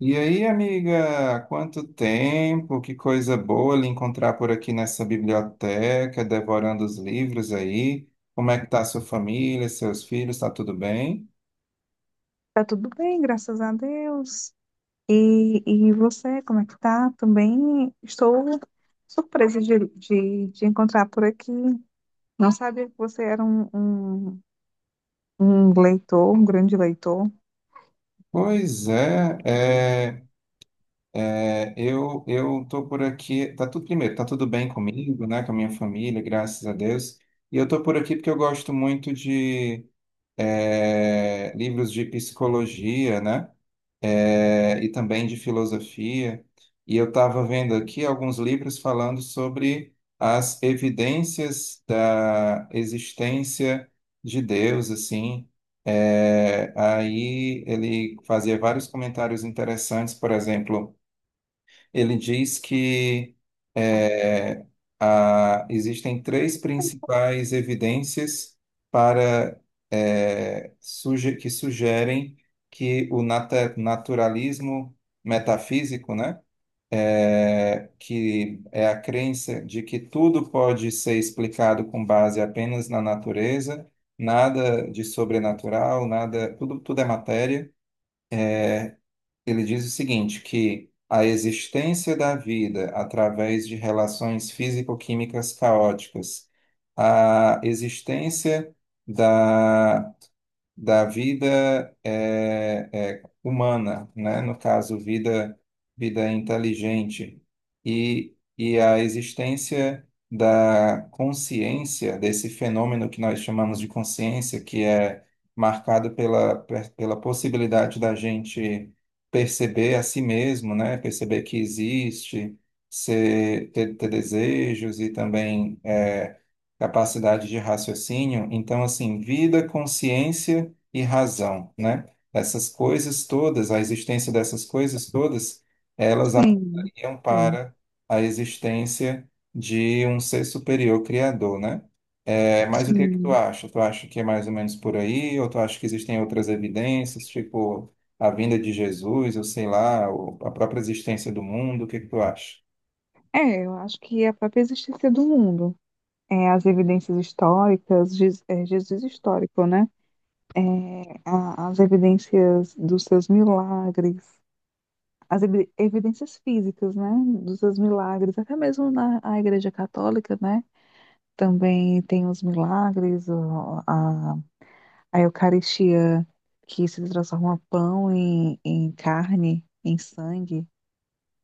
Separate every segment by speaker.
Speaker 1: E aí, amiga, quanto tempo, que coisa boa lhe encontrar por aqui nessa biblioteca, devorando os livros aí. Como é que tá a sua família, seus filhos, tá tudo bem?
Speaker 2: Tá tudo bem, graças a Deus. E você, como é que tá? Também estou surpresa de encontrar por aqui. Não sabia que você era um leitor, um grande leitor.
Speaker 1: Pois é, é, é, eu tô por aqui, tá tudo primeiro, tá tudo bem comigo, né, com a minha família, graças a Deus. E eu tô por aqui porque eu gosto muito de livros de psicologia, né? E também de filosofia. E eu estava vendo aqui alguns livros falando sobre as evidências da existência de Deus, assim. É, aí ele fazia vários comentários interessantes, por exemplo. Ele diz que é, existem três principais evidências para que sugerem que o naturalismo metafísico, né, que é a crença de que tudo pode ser explicado com base apenas na natureza, nada de sobrenatural, nada, tudo é matéria. Ele diz o seguinte, que a existência da vida através de relações físico-químicas caóticas, a existência da da vida humana, né? No caso, vida inteligente, e a existência da consciência, desse fenômeno que nós chamamos de consciência, que é marcado pela possibilidade da gente perceber a si mesmo, né? Perceber que existe, ter desejos e também. Capacidade de raciocínio. Então, assim, vida, consciência e razão, né? Essas coisas todas, a existência dessas coisas todas, elas
Speaker 2: Sim,
Speaker 1: apontariam
Speaker 2: sim,
Speaker 1: para a existência de um ser superior criador, né? É, mas o que que tu
Speaker 2: sim.
Speaker 1: acha? Tu acha que é mais ou menos por aí, ou tu acha que existem outras evidências, tipo a vinda de Jesus, ou sei lá, ou a própria existência do mundo? O que que tu acha?
Speaker 2: Eu acho que é a própria existência do mundo, as evidências históricas, Jesus histórico, né? É, as evidências dos seus milagres, as evidências físicas, né, dos seus milagres, até mesmo na a Igreja Católica, né, também tem os milagres, a Eucaristia que se transforma pão em carne, em sangue.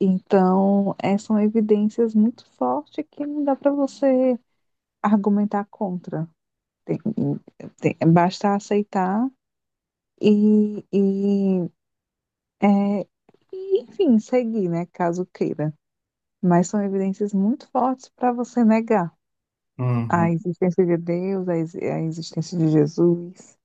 Speaker 2: Então, são evidências muito fortes que não dá para você argumentar contra. Tem- Basta aceitar e, e, é, e, enfim, seguir, né, caso queira. Mas são evidências muito fortes para você negar a existência de Deus, a existência de Jesus.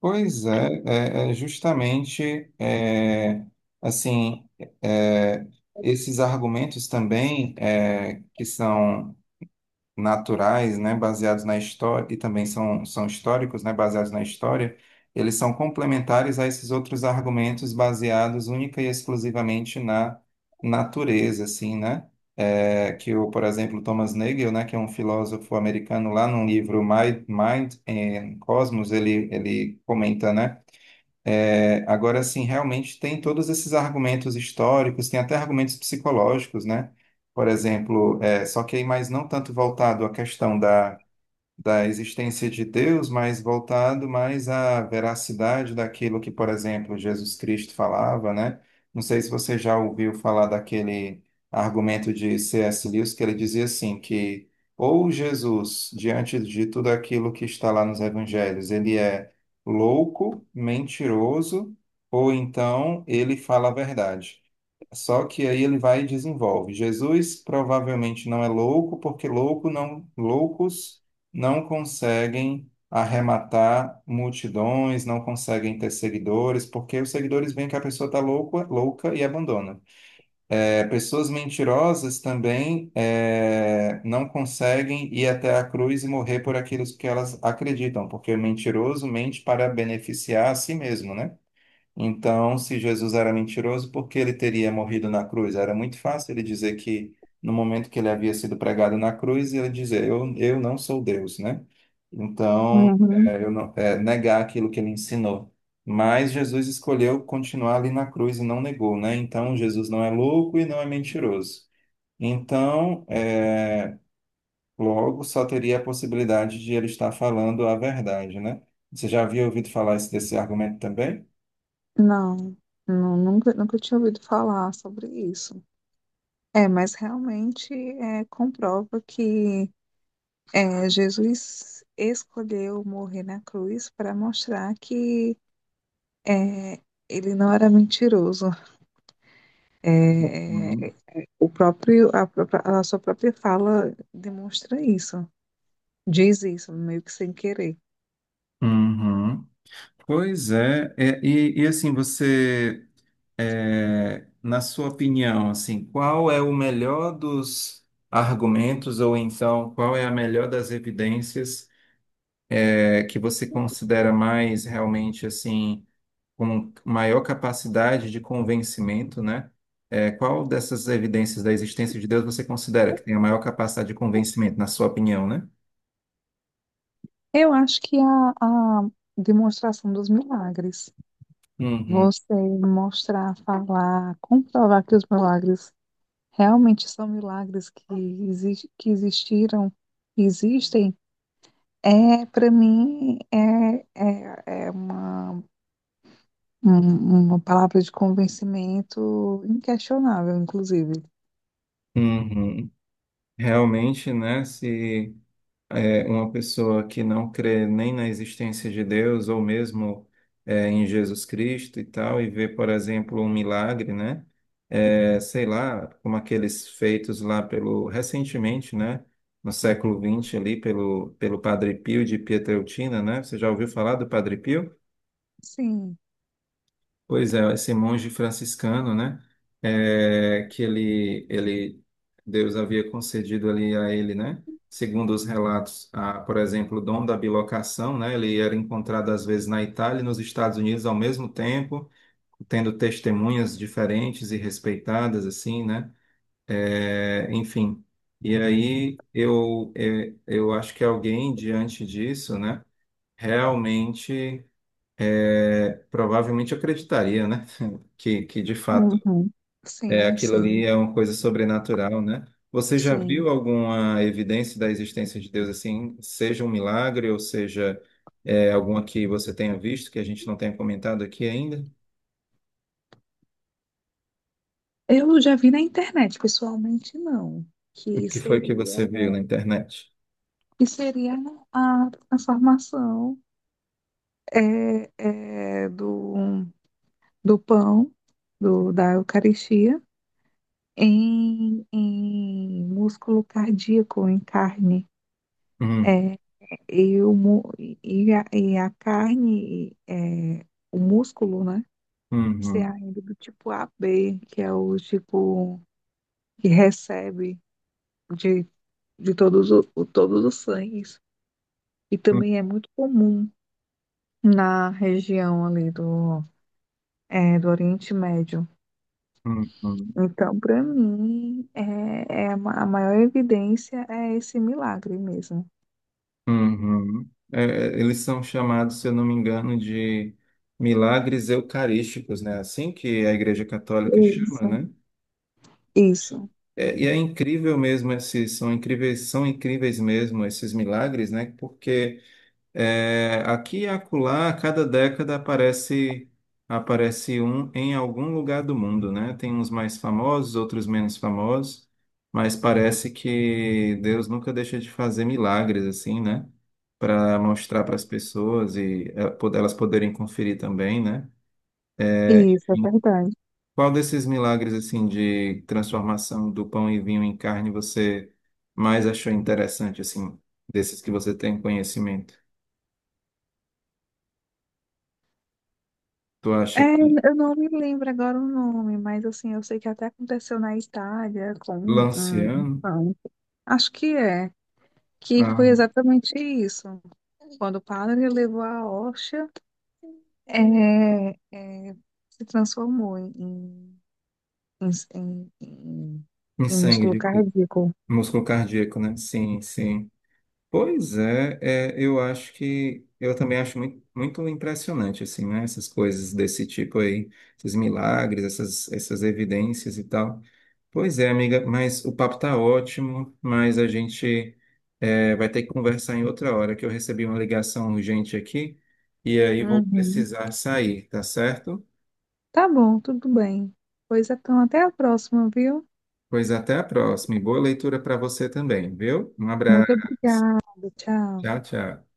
Speaker 1: Pois é, é, é justamente é, assim é, Esses argumentos também que são naturais, né, baseados na história e também são, são históricos, né, baseados na história, eles são complementares a esses outros argumentos baseados única e exclusivamente na natureza, assim, né? É, que o, por exemplo, Thomas Nagel, né, que é um filósofo americano, lá num livro Mind and Cosmos, ele comenta, né? É, agora, assim, realmente tem todos esses argumentos históricos, tem até argumentos psicológicos, né? Por exemplo, é, só que aí mais não tanto voltado à questão da existência de Deus, mas voltado mais à veracidade daquilo que, por exemplo, Jesus Cristo falava, né? Não sei se você já ouviu falar daquele argumento de C.S. Lewis, que ele dizia assim, que ou Jesus, diante de tudo aquilo que está lá nos evangelhos, ele é louco, mentiroso, ou então ele fala a verdade. Só que aí ele vai e desenvolve. Jesus provavelmente não é louco, porque loucos não conseguem arrematar multidões, não conseguem ter seguidores, porque os seguidores veem que a pessoa está louca e abandona. É, pessoas mentirosas também não conseguem ir até a cruz e morrer por aquilo que elas acreditam, porque o mentiroso mente para beneficiar a si mesmo, né? Então, se Jesus era mentiroso, por que ele teria morrido na cruz? Era muito fácil ele dizer que no momento que ele havia sido pregado na cruz, ele dizer, eu não sou Deus, né? Então,
Speaker 2: Uhum.
Speaker 1: é, eu não- é, negar aquilo que ele ensinou. Mas Jesus escolheu continuar ali na cruz e não negou, né? Então, Jesus não é louco e não é mentiroso. Então, logo só teria a possibilidade de ele estar falando a verdade, né? Você já havia ouvido falar desse argumento também?
Speaker 2: Não, nunca, nunca tinha ouvido falar sobre isso. Mas realmente comprova que Jesus escolheu morrer na cruz para mostrar que é, ele não era mentiroso. É, é, é, o próprio, a, própria- A sua própria fala demonstra isso, diz isso, meio que sem querer.
Speaker 1: Uhum. E, e assim, na sua opinião, assim, qual é o melhor dos argumentos, ou então qual é a melhor das evidências, é, que você considera mais realmente, assim, com maior capacidade de convencimento, né? É, qual dessas evidências da existência de Deus você considera que tem a maior capacidade de convencimento, na sua opinião, né?
Speaker 2: Eu acho que a demonstração dos milagres,
Speaker 1: Uhum.
Speaker 2: você mostrar, falar, comprovar que os milagres realmente são milagres que existiram, que existem, para mim é uma palavra de convencimento inquestionável, inclusive.
Speaker 1: Uhum. Realmente, né? Se é, uma pessoa que não crê nem na existência de Deus ou mesmo é, em Jesus Cristo e tal, e vê, por exemplo, um milagre, né? É, sei lá, como aqueles feitos lá pelo recentemente, né? No século vinte ali pelo Padre Pio de Pietrelcina, né? Você já ouviu falar do Padre Pio?
Speaker 2: Sim,
Speaker 1: Pois é, esse monge franciscano, né? é, que ele, ele, Deus havia concedido ali a ele, né? Segundo os relatos, a, por exemplo, o dom da bilocação, né? Ele era encontrado às vezes na Itália e nos Estados Unidos ao mesmo tempo, tendo testemunhas diferentes e respeitadas, assim, né? É, enfim. E aí eu, é, eu acho que alguém diante disso, né? Realmente, é, provavelmente acreditaria, né? Que de fato
Speaker 2: uhum.
Speaker 1: é
Speaker 2: Sim,
Speaker 1: aquilo
Speaker 2: sim,
Speaker 1: ali é uma coisa sobrenatural, né? Você já viu
Speaker 2: sim.
Speaker 1: alguma evidência da existência de Deus assim, seja um milagre ou seja é, alguma que você tenha visto que a gente não tenha comentado aqui ainda?
Speaker 2: Eu já vi na internet, pessoalmente não,
Speaker 1: O
Speaker 2: que
Speaker 1: que foi que
Speaker 2: seria
Speaker 1: você viu na internet?
Speaker 2: que seria a formação do, do pão, do, da Eucaristia, em músculo cardíaco, em carne.
Speaker 1: Hum.
Speaker 2: É, e, o, mu- e a carne, o músculo, né? Ser
Speaker 1: Uhum.
Speaker 2: ainda do tipo A B que é o tipo que recebe de, de todos, todos os sangues. E
Speaker 1: Uhum.
Speaker 2: também é muito comum na região ali do É, do Oriente Médio.
Speaker 1: Uhum.
Speaker 2: Então, para mim, a maior evidência é esse milagre mesmo.
Speaker 1: Uhum. É, é, eles são chamados, se eu não me engano, de milagres eucarísticos, né? Assim que a Igreja Católica chama,
Speaker 2: Isso,
Speaker 1: né?
Speaker 2: isso,
Speaker 1: É, e é incrível mesmo esses, são incríveis mesmo esses milagres, né? Porque é, aqui e acolá, a cada década aparece um em algum lugar do mundo, né? Tem uns mais famosos, outros menos famosos, mas parece que Deus nunca deixa de fazer milagres assim, né? Para mostrar para as pessoas e elas poderem conferir também, né?
Speaker 2: isso, é verdade.
Speaker 1: Qual desses milagres assim de transformação do pão e vinho em carne você mais achou interessante assim, desses que você tem conhecimento? Tu acha que
Speaker 2: Eu não me lembro agora o nome, mas assim, eu sei que até aconteceu na Itália com um
Speaker 1: Lanciano,
Speaker 2: pão. Acho que que
Speaker 1: ah,
Speaker 2: foi exatamente isso. Quando o padre levou a hóstia, é, é, se transformou em, em, em
Speaker 1: em
Speaker 2: em
Speaker 1: sangue
Speaker 2: músculo
Speaker 1: de Cristo,
Speaker 2: cardíaco.
Speaker 1: músculo cardíaco, né? Sim, sim. Eu acho que eu também acho muito, muito impressionante assim, né? Essas coisas desse tipo aí, esses milagres, essas, essas evidências e tal. Pois é, amiga, mas o papo tá ótimo, mas a gente é, vai ter que conversar em outra hora, que eu recebi uma ligação urgente aqui e aí vou
Speaker 2: Uhum.
Speaker 1: precisar sair, tá certo?
Speaker 2: Tá bom, tudo bem. Pois então, até a próxima, viu?
Speaker 1: Pois até a próxima e boa leitura para você também, viu? Um
Speaker 2: Muito
Speaker 1: abraço.
Speaker 2: obrigada. Tchau.
Speaker 1: Tchau, tchau.